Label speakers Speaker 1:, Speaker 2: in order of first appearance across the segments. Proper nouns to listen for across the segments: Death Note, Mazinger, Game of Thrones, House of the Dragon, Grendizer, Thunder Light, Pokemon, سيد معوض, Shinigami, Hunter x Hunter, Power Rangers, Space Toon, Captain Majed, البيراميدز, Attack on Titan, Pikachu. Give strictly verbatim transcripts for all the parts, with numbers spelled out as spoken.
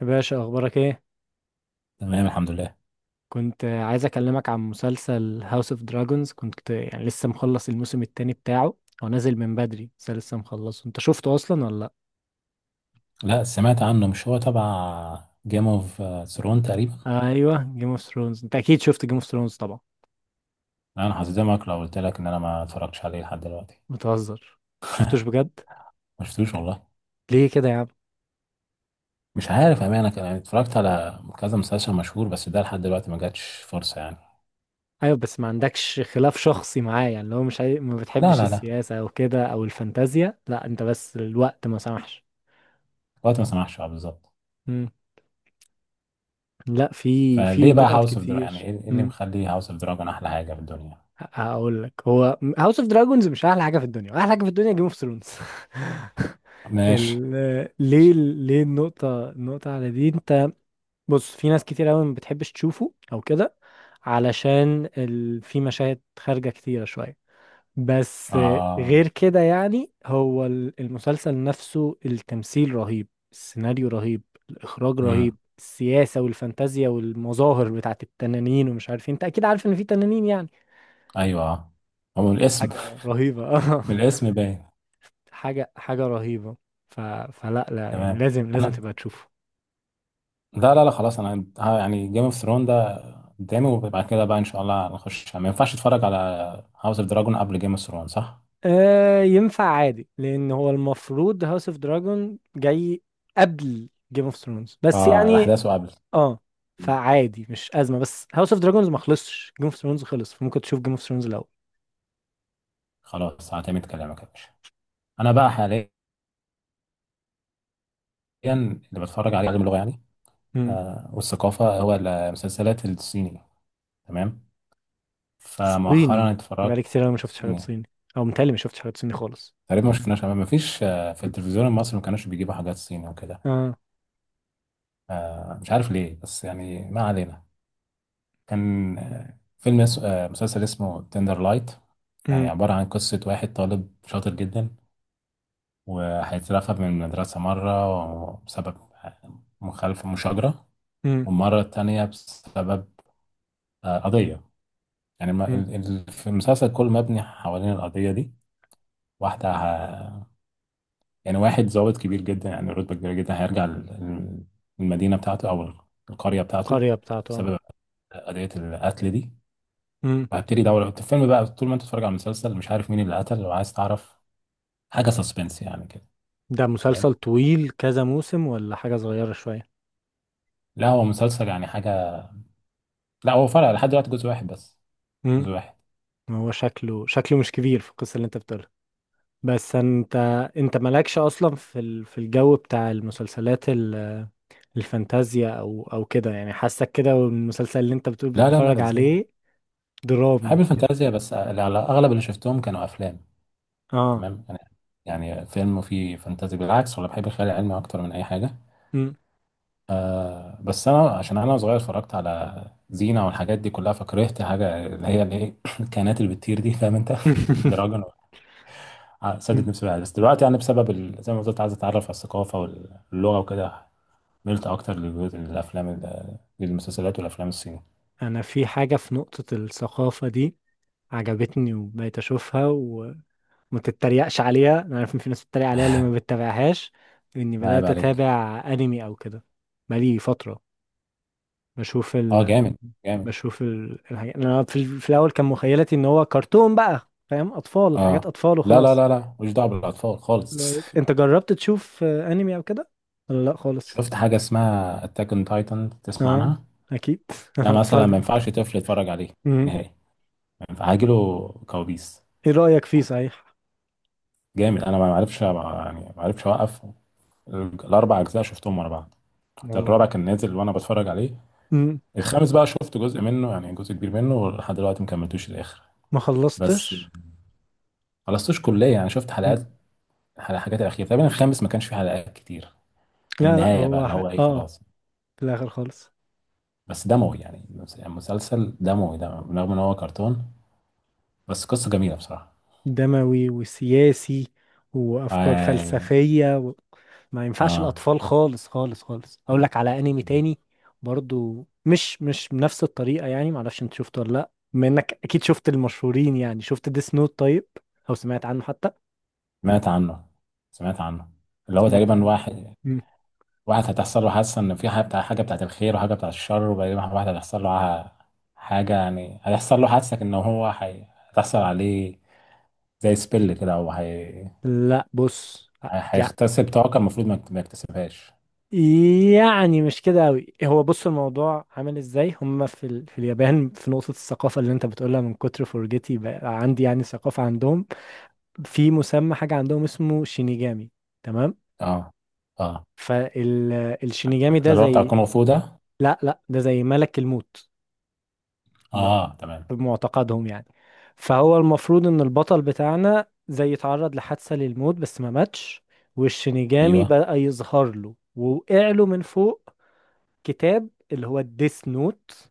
Speaker 1: يا باشا، اخبارك ايه؟
Speaker 2: تمام، الحمد لله.
Speaker 1: كنت عايز اكلمك عن مسلسل هاوس اوف دراجونز. كنت يعني لسه مخلص الموسم التاني بتاعه. هو نازل من بدري بس أنا لسه مخلصه. انت شفته اصلا ولا لا؟
Speaker 2: لا، سمعت عنه. مش هو تبع جيم اوف ثرون تقريبا؟
Speaker 1: ايوه، جيم اوف ثرونز. انت اكيد شفت جيم اوف ثرونز طبعا.
Speaker 2: انا هصدمك لو قلت لك ان انا ما اتفرجتش عليه لحد دلوقتي.
Speaker 1: بتهزر؟ مشفتوش بجد؟
Speaker 2: ما شفتوش والله.
Speaker 1: ليه كده يا عم؟
Speaker 2: مش عارف امانه، كان- يعني اتفرجت على كذا مسلسل مشهور، بس ده لحد دلوقتي ما جاتش فرصه يعني.
Speaker 1: ايوه، بس ما عندكش خلاف شخصي معاه يعني. لو مش عاي... ما
Speaker 2: لا
Speaker 1: بتحبش
Speaker 2: لا لا،
Speaker 1: السياسه او كده او الفانتازيا؟ لا، انت بس الوقت ما سمحش.
Speaker 2: الوقت ما سمحش، اه، بالظبط.
Speaker 1: مم. لا، في في
Speaker 2: فليه بقى
Speaker 1: نقط
Speaker 2: هاوس اوف دراجون؟ يعني
Speaker 1: كتير.
Speaker 2: ايه إيه اللي
Speaker 1: مم.
Speaker 2: مخلي هاوس اوف دراجون احلى حاجه في الدنيا؟
Speaker 1: هقول لك، هو هاوس اوف دراجونز مش احلى حاجه في الدنيا، احلى حاجه في الدنيا جيم اوف ثرونز.
Speaker 2: ماشي.
Speaker 1: ال... ليه ليه النقطه النقطه على دي انت؟ بص، في ناس كتير قوي ما بتحبش تشوفه او كده، علشان ال... في مشاهد خارجه كتيره شويه. بس
Speaker 2: اه،
Speaker 1: غير كده يعني هو ال- المسلسل نفسه، التمثيل رهيب، السيناريو رهيب، الاخراج
Speaker 2: امم،
Speaker 1: رهيب، السياسه والفانتازيا والمظاهر بتاعت التنانين ومش عارف إيه. انت اكيد عارف ان في تنانين يعني.
Speaker 2: ايوه، آه. هو من الاسم.
Speaker 1: حاجه رهيبه.
Speaker 2: من الاسم باين.
Speaker 1: حاجة حاجة رهيبة. ف... فلا لا، يعني
Speaker 2: تمام.
Speaker 1: لازم لازم
Speaker 2: انا...
Speaker 1: تبقى تشوفه.
Speaker 2: لا لا لا، خلاص، انا ها يعني جيم اوف ثرون ده قدامي، وبعد كده بقى ان شاء الله هنخش. ما ينفعش اتفرج على هاوس اوف دراجون قبل جيم اوف ثرون، صح؟
Speaker 1: آه، ينفع عادي، لأن هو المفروض هاوس اوف دراجون جاي قبل جيم اوف ثرونز بس
Speaker 2: اه،
Speaker 1: يعني.
Speaker 2: الاحداث قبل.
Speaker 1: اه، فعادي مش أزمة، بس هاوس اوف دراجونز ما خلصش، جيم اوف ثرونز خلص، فممكن تشوف جيم اوف ثرونز الأول.
Speaker 2: خلاص، هعتمد كلامك يا باشا. انا بقى حاليا اللي بتفرج عليه علم اللغه يعني،
Speaker 1: مم.
Speaker 2: آه، والثقافه. هو المسلسلات الصيني. تمام. فمؤخرا
Speaker 1: صيني؟ بقالي
Speaker 2: اتفرجت
Speaker 1: كتير أوي ما شفتش حاجات
Speaker 2: صيني.
Speaker 1: صيني. أو متهيألي ما شفتش حاجات صيني خالص.
Speaker 2: تقريبا ما شفناش، ما فيش، آه، في التلفزيون المصري ما كانوش بيجيبوا حاجات صيني وكده.
Speaker 1: اه.
Speaker 2: آه مش عارف ليه، بس يعني ما علينا. كان آه، فيلم، اس... آه، مسلسل اسمه تندر لايت، يعني
Speaker 1: مم.
Speaker 2: عبارة عن قصة واحد طالب شاطر جدا، وهيترفد من المدرسة مرة بسبب آه، مخالفة مشاجرة،
Speaker 1: مم.
Speaker 2: والمرة التانية بسبب آه، قضية. يعني ما-
Speaker 1: مم.
Speaker 2: ال- ال- في المسلسل كله مبني حوالين القضية دي. واحدة ه... يعني واحد ضابط كبير جدا، يعني رتبة كبيرة جدا، هيرجع ال- ال- المدينة بتاعته أو القرية بتاعته
Speaker 1: القرية بتاعته، اه.
Speaker 2: بسبب قضية القتل دي.
Speaker 1: مم.
Speaker 2: وهبتدي ادور في الفيلم بقى. طول ما انت بتتفرج على المسلسل مش عارف مين اللي قتل، لو عايز تعرف. حاجه سسبنس يعني كده.
Speaker 1: ده
Speaker 2: تمام.
Speaker 1: مسلسل طويل كذا موسم، ولا حاجة صغيرة شوية؟
Speaker 2: لا، هو مسلسل يعني حاجه... لا، هو فرق لحد دلوقتي جزء واحد بس.
Speaker 1: مم.
Speaker 2: جزء واحد.
Speaker 1: ما هو شكله شكله مش كبير في القصة اللي انت بتقولها. بس انت انت مالكش اصلا في ال- في الجو بتاع المسلسلات ال- الفانتازيا او او كده يعني. حاسك كده، والمسلسل اللي انت بتقول
Speaker 2: لا لا لا،
Speaker 1: بتتفرج
Speaker 2: ازاي؟
Speaker 1: عليه
Speaker 2: بحب
Speaker 1: درامي كده.
Speaker 2: الفانتازيا، بس على اغلب اللي شفتهم كانوا افلام.
Speaker 1: اه.
Speaker 2: تمام. انا يعني فيلم فيه فانتازي بالعكس، ولا بحب الخيال العلمي اكتر من اي حاجه.
Speaker 1: مم.
Speaker 2: بس انا عشان انا صغير اتفرجت على زينه والحاجات دي كلها، فكرهت حاجه اللي هي الايه، الكائنات اللي بتطير دي، فاهم انت؟ دراجون. ع- سدد
Speaker 1: مم.
Speaker 2: نفسي بقى. بس دلوقتي يعني بسبب ال... زي ما قلت عايز اتعرف على الثقافه واللغه وكده، ملت اكتر للجزء- للافلام ال- للمسلسلات والافلام الصيني.
Speaker 1: انا في حاجة، في نقطة الثقافة دي عجبتني وبقيت اشوفها، وما تتريقش عليها. انا عارف ان في ناس بتتريق عليها اللي ما بتتابعهاش، اني
Speaker 2: ما عيب
Speaker 1: بدأت
Speaker 2: عليك.
Speaker 1: اتابع انمي او كده بقالي فترة. بشوف
Speaker 2: اه،
Speaker 1: ال...
Speaker 2: جامد جامد.
Speaker 1: بشوف ال... الحاجات. انا في، ال... في الاول كان مخيلتي ان هو كرتون بقى، فاهم؟ اطفال، حاجات
Speaker 2: اه،
Speaker 1: اطفال
Speaker 2: لا لا
Speaker 1: وخلاص.
Speaker 2: لا لا، مش دعوه بالاطفال خالص.
Speaker 1: لقيت- انت جربت تشوف آه، انمي او كده ولا لا خالص؟
Speaker 2: شفت حاجه اسمها اتاك اون تايتن، تسمع
Speaker 1: اه،
Speaker 2: عنها؟
Speaker 1: اكيد.
Speaker 2: ده
Speaker 1: انا
Speaker 2: مثلا ما
Speaker 1: اتفرج.
Speaker 2: ينفعش طفل يتفرج عليه
Speaker 1: مم.
Speaker 2: نهائي، ما ينفع، هيجيله كوابيس.
Speaker 1: ايه رايك فيه صحيح؟
Speaker 2: جامد، انا ما عرفش يعني، ما عرفش اوقف. الاربع اجزاء شفتهم ورا بعض، حتى الرابع
Speaker 1: هو.
Speaker 2: كان نازل وانا بتفرج عليه.
Speaker 1: مم.
Speaker 2: الخامس بقى شفت جزء منه، يعني جزء كبير منه، لحد دلوقتي ما كملتوش الاخر.
Speaker 1: ما
Speaker 2: بس
Speaker 1: خلصتش.
Speaker 2: خلصتوش كليه، يعني شفت حلقات
Speaker 1: مم.
Speaker 2: على الحاجات الاخيره تقريبا. الخامس ما كانش فيه حلقات كتير. كان
Speaker 1: لا لا،
Speaker 2: النهايه بقى
Speaker 1: هو
Speaker 2: اللي
Speaker 1: ح...
Speaker 2: هو ايه،
Speaker 1: اه،
Speaker 2: خلاص.
Speaker 1: في الاخر خالص.
Speaker 2: بس دموي يعني، مس- مسلسل دموي ده رغم ان هو كرتون، بس قصه جميله بصراحه.
Speaker 1: دموي وسياسي وافكار
Speaker 2: ايوه.
Speaker 1: فلسفيه. ما ينفعش
Speaker 2: اه،
Speaker 1: الاطفال خالص خالص خالص. اقول لك على انمي تاني، برضو مش مش بنفس الطريقه. يعني معرفش انت شفته ولا لا، بما انك اكيد شفت المشهورين، يعني شفت ديس نوت؟ طيب، او سمعت عنه حتى.
Speaker 2: سمعت عنه، سمعت عنه. اللي هو
Speaker 1: سمعت.
Speaker 2: تقريبا واحد
Speaker 1: مم.
Speaker 2: واحد هتحصل له حاسة إن في حاجة بتاع حاجة بتاعت الخير وحاجة بتاعت الشر، وبعدين واحد هتحصل له ع- حاجة، يعني هتحصل له حاسة إن هو حي... هتحصل عليه زي سبيل كده، أو هي...
Speaker 1: لا بص، يع-
Speaker 2: هيغتسب طاقة المفروض ما يكت- ما يكتسبهاش.
Speaker 1: يعني مش كده قوي. هو بص، الموضوع عامل ازاي؟ هم في ال... في اليابان، في نقطة الثقافة اللي انت بتقولها، من كتر فرجتي بقى عندي يعني ثقافة عندهم. في مسمى حاجة عندهم اسمه شينيجامي، تمام؟
Speaker 2: اه. اه،
Speaker 1: فالشينيجامي
Speaker 2: ده
Speaker 1: ده
Speaker 2: اللي هو بتاع
Speaker 1: زي،
Speaker 2: الكونغ فو ده.
Speaker 1: لا لا، ده زي ملك الموت ب-
Speaker 2: اه، تمام.
Speaker 1: بمعتقدهم يعني. فهو المفروض ان البطل بتاعنا زي اتعرض لحادثة للموت بس ما ماتش، والشينيجامي
Speaker 2: ايوه.
Speaker 1: بدأ يظهر له ووقع له من فوق كتاب، اللي هو الديس نوت.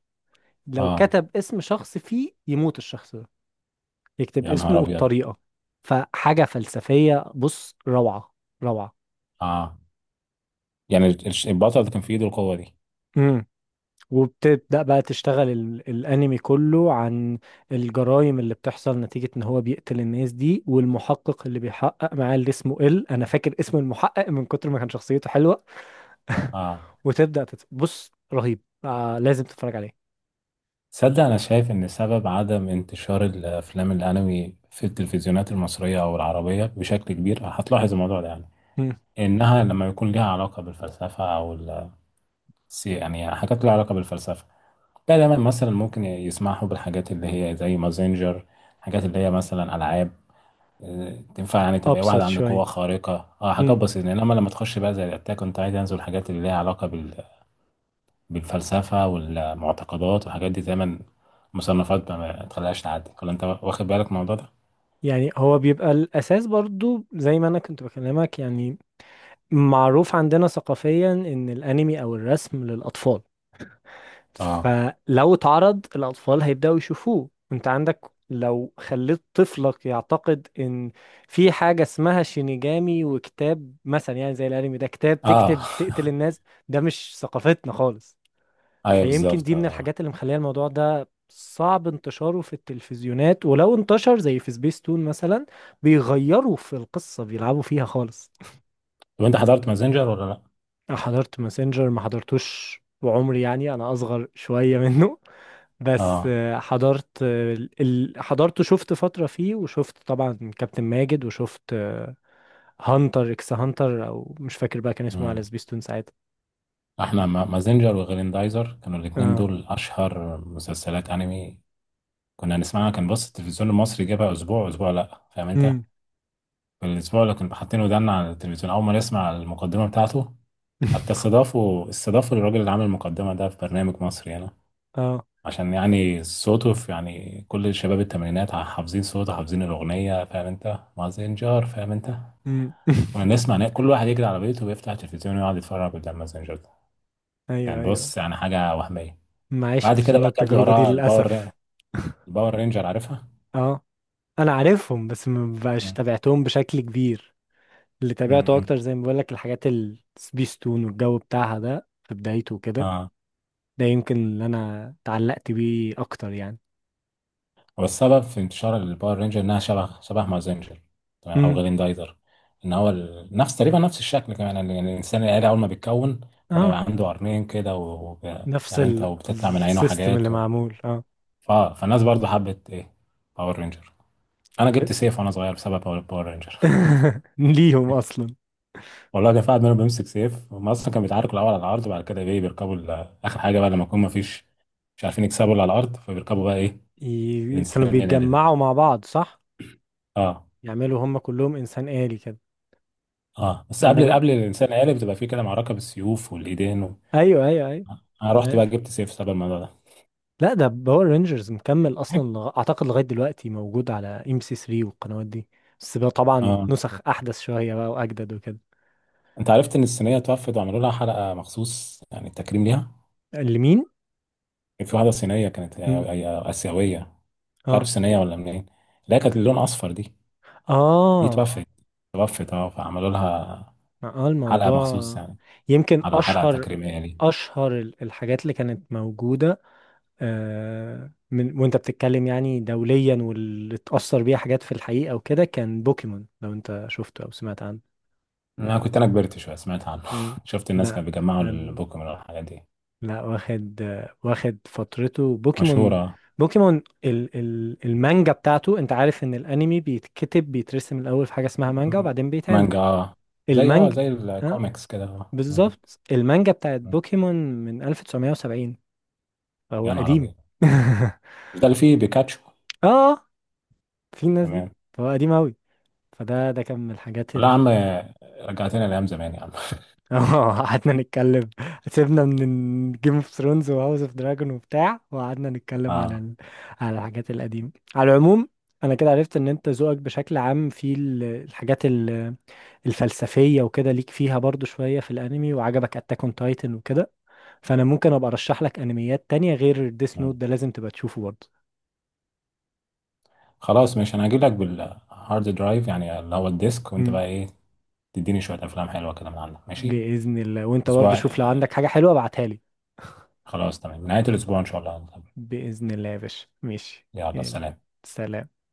Speaker 1: لو
Speaker 2: اه.
Speaker 1: كتب اسم شخص فيه يموت الشخص ده، يكتب
Speaker 2: يا
Speaker 1: اسمه
Speaker 2: نهار أبيض.
Speaker 1: والطريقة. فحاجة فلسفية، بص، روعة، روعة.
Speaker 2: اه، يعني الش- البطل اللي كان في إيده القوة دي.
Speaker 1: وبتبدأ بقى تشتغل ال- الأنمي كله عن الجرائم اللي بتحصل نتيجة إن هو بيقتل الناس دي، والمحقق اللي بيحقق معاه اللي اسمه إل. أنا فاكر اسم المحقق من كتر ما كان شخصيته حلوة.
Speaker 2: اه.
Speaker 1: وتبدأ تت... بص رهيب، آه، لازم تتفرج عليه.
Speaker 2: تصدق أنا شايف إن سبب عدم انتشار الأفلام الأنمي في التلفزيونات المصرية أو العربية بشكل كبير، هتلاحظ الموضوع ده يعني،
Speaker 1: مم.
Speaker 2: إنها لما يكون ليها علاقة بالفلسفة أو ال- سي- يعني حاجات ليها علاقة بالفلسفة. لا دايما مثلا ممكن يسمحوا بالحاجات اللي هي زي مازينجر، حاجات اللي هي مثلا ألعاب، آه، تنفع يعني تبقى واحد
Speaker 1: أبسط
Speaker 2: عنده قوة
Speaker 1: شوية.
Speaker 2: خارقة، اه، حاجات
Speaker 1: مم.
Speaker 2: بسيطة. إنما لما تخش بقى زي الأتاك أون تايتنز والحاجات اللي ليها علاقة بالفلسفة والمعتقدات والحاجات دي، دايما مصنفات ما ما تخليهاش تعدي. ولا انت واخد بالك من الموضوع ده؟
Speaker 1: يعني هو بيبقى الأساس، برضو زي ما أنا كنت بكلمك. يعني معروف عندنا ثقافيا إن الأنمي أو الرسم للأطفال،
Speaker 2: اه.
Speaker 1: فلو اتعرض الأطفال هيبدأوا يشوفوه. انت عندك، لو خليت طفلك يعتقد ان في حاجة اسمها شينيجامي وكتاب مثلا، يعني زي الانمي ده، كتاب
Speaker 2: اه.
Speaker 1: تكتب تقتل الناس، ده مش ثقافتنا خالص.
Speaker 2: ايوه
Speaker 1: فيمكن
Speaker 2: بالظبط،
Speaker 1: دي من
Speaker 2: اه.
Speaker 1: الحاجات اللي مخليه الموضوع ده صعب انتشاره في التلفزيونات. ولو انتشر زي في سبيس تون مثلا، بيغيروا في القصة، بيلعبوا فيها خالص.
Speaker 2: طب انت حضرت مازنجر ولا لا؟
Speaker 1: انا حضرت ماسنجر، ما حضرتوش وعمري، يعني انا اصغر شوية منه. بس
Speaker 2: اه،
Speaker 1: آه، حضرت آه، ال... حضرت، شفت فترة فيه، وشفت طبعا كابتن ماجد، وشفت آه، هانتر اكس هانتر، او مش فاكر بقى كان اسمه على
Speaker 2: مم.
Speaker 1: سبيستون ساعتها.
Speaker 2: احنا ما- مازنجر وغريندايزر كانوا الاتنين
Speaker 1: اه.
Speaker 2: دول اشهر مسلسلات انمي كنا نسمعها. كان بص التلفزيون المصري جابها اسبوع اسبوع، لا فاهم انت؟
Speaker 1: امم
Speaker 2: في الاسبوع اللي كنا حاطين ودانا على التلفزيون اول ما نسمع المقدمة بتاعته، حتى استضافوا استضافوا الراجل اللي عامل المقدمة ده في برنامج مصري هنا،
Speaker 1: اه.
Speaker 2: عشان يعني صوته في يعني كل شباب التمانينات ع- حافظين صوته، حافظين الأغنية، فاهم أنت مازنجر؟ فاهم أنت؟
Speaker 1: امم
Speaker 2: كنا نسمع نا- كل واحد يجري على بيته ويفتح التلفزيون ويقعد يتفرج قدام مازنجر ده.
Speaker 1: ايوه
Speaker 2: كان
Speaker 1: ايوه.
Speaker 2: بص يعني حاجة وهمية.
Speaker 1: ما
Speaker 2: بعد
Speaker 1: عشتش
Speaker 2: كده
Speaker 1: انا
Speaker 2: بقى كانت
Speaker 1: التجربة دي
Speaker 2: وراها الباور ري-
Speaker 1: للأسف.
Speaker 2: الباور رينجر، عارفها؟
Speaker 1: اه، انا عارفهم بس ما بقاش
Speaker 2: مم.
Speaker 1: تابعتهم بشكل كبير. اللي تابعته اكتر
Speaker 2: مم.
Speaker 1: زي ما بقول لك، الحاجات السبيستون والجو بتاعها ده في بدايته كده.
Speaker 2: اه.
Speaker 1: ده يمكن اللي انا اتعلقت بيه اكتر يعني.
Speaker 2: هو السبب في انتشار الباور رينجر انها شبه شبه مازنجر، تمام، او غريندايزر. ان هو ال- نفس تقريبا نفس الشكل كمان، يعني الانسان الالي اول ما بيتكون
Speaker 1: اه،
Speaker 2: بيبقى عنده قرنين كده و- وب-
Speaker 1: نفس
Speaker 2: فاهم انت،
Speaker 1: ال-
Speaker 2: وبتطلع من عينه
Speaker 1: السيستم اللي
Speaker 2: حاجات و...
Speaker 1: معمول، اه.
Speaker 2: ف... فالناس برضو حبت ايه، باور رينجر. انا
Speaker 1: ب-
Speaker 2: جبت سيف وانا صغير بسبب باور باور رينجر.
Speaker 1: ليهم اصلا؟
Speaker 2: والله كان في واحد منهم بيمسك سيف. هم اصلا كانوا بيتعاركوا الاول على الارض، وبعد كده ايه بيركبوا ال- اخر حاجه بقى لما يكون ما فيش، مش عارفين يكسبوا اللي على الارض، فبيركبوا بقى ايه،
Speaker 1: ي- كانوا
Speaker 2: الانسان الالي
Speaker 1: بيتجمعوا
Speaker 2: ده.
Speaker 1: مع بعض، صح؟
Speaker 2: اه.
Speaker 1: يعملوا هم كلهم انسان آلي كده.
Speaker 2: اه، بس
Speaker 1: انا
Speaker 2: قبل
Speaker 1: ب...
Speaker 2: قبل الانسان الالي بتبقى فيه كده معركه بالسيوف والايدين و...
Speaker 1: ايوه ايوه ايوه.
Speaker 2: آه، انا
Speaker 1: أنا
Speaker 2: رحت بقى
Speaker 1: عارف.
Speaker 2: جبت سيف سبب الموضوع ده.
Speaker 1: لا، ده باور رينجرز مكمل اصلا، لغ... اعتقد لغايه دلوقتي موجود على ام سي ثلاثة والقنوات دي. بس بقى طبعا
Speaker 2: اه.
Speaker 1: نسخ احدث شويه بقى واجدد وكده.
Speaker 2: انت عرفت ان الصينيه توفت وعملوا لها حلقه مخصوص يعني تكريم ليها؟
Speaker 1: لمين؟
Speaker 2: كان في واحده صينيه كانت
Speaker 1: مم.
Speaker 2: آه، آه، اسيويه، مش
Speaker 1: اه
Speaker 2: عارف صينيه ولا منين. لا كانت اللون اصفر دي. دي
Speaker 1: اه
Speaker 2: توفت. توفت، اه، فعملوا لها
Speaker 1: اه،
Speaker 2: حلقه مخصوص
Speaker 1: الموضوع
Speaker 2: يعني،
Speaker 1: يمكن
Speaker 2: على حلقه
Speaker 1: اشهر،
Speaker 2: تكريميه لي.
Speaker 1: اشهر ال- الحاجات اللي كانت موجوده آه، من وانت بتتكلم يعني دوليا، واللي اتاثر بيها حاجات في الحقيقه وكده كان بوكيمون. لو انت شفته او سمعت عنه.
Speaker 2: انا كنت انا كبرت شويه، سمعت عنه.
Speaker 1: مم.
Speaker 2: شفت الناس
Speaker 1: لا
Speaker 2: كانوا بيجمعوا
Speaker 1: كان-
Speaker 2: البوكيمون والحاجات دي.
Speaker 1: لا، واخد آه، واخد فترته بوكيمون.
Speaker 2: مشهوره.
Speaker 1: بوكيمون ال ال المانجا بتاعته. انت عارف ان الانمي بيتكتب بيترسم الاول في حاجه اسمها مانجا،
Speaker 2: م-
Speaker 1: وبعدين بيتعمل
Speaker 2: مانجا، اه. زي اه
Speaker 1: المانجا.
Speaker 2: زي الكوميكس كده، آه. م-
Speaker 1: بالظبط، المانجا بتاعت
Speaker 2: م.
Speaker 1: بوكيمون من ألف وتسعمية وسبعين. فهو
Speaker 2: يا نهار
Speaker 1: قديم.
Speaker 2: ابيض. مش ده اللي فيه بيكاتشو؟
Speaker 1: اه، في الناس دي.
Speaker 2: تمام.
Speaker 1: فهو قديم أوي. فده ده كان من الحاجات
Speaker 2: لا يا
Speaker 1: ال.
Speaker 2: عم، رجعتنا لايام زمان يا عم.
Speaker 1: اه، قعدنا نتكلم. سيبنا من جيم اوف ثرونز وهاوس اوف دراجون وبتاع، وقعدنا نتكلم على
Speaker 2: اه.
Speaker 1: ال... على الحاجات القديمة على العموم. انا كده عرفت ان انت ذوقك بشكل عام في ال- الحاجات ال- الفلسفية وكده، ليك فيها برضو شوية، في الانمي وعجبك اتاك اون تايتن وكده. فانا ممكن ابقى ارشح لك انميات تانية غير ديس
Speaker 2: م.
Speaker 1: نوت، ده لازم تبقى تشوفه برضه.
Speaker 2: خلاص ماشي، انا هجيب لك بالهارد درايف يعني اللي هو الديسك، وانت
Speaker 1: مم.
Speaker 2: بقى ايه تديني شويه افلام حلوه كده من عندك، ماشي.
Speaker 1: باذن الله. وانت برضه
Speaker 2: اسبوع
Speaker 1: شوف، لو
Speaker 2: آه،
Speaker 1: عندك حاجة حلوة ابعتها لي.
Speaker 2: خلاص تمام، نهايه الاسبوع ان شاء الله.
Speaker 1: باذن الله يا باشا، ماشي.
Speaker 2: يلا
Speaker 1: يلا.
Speaker 2: سلام.
Speaker 1: سلام.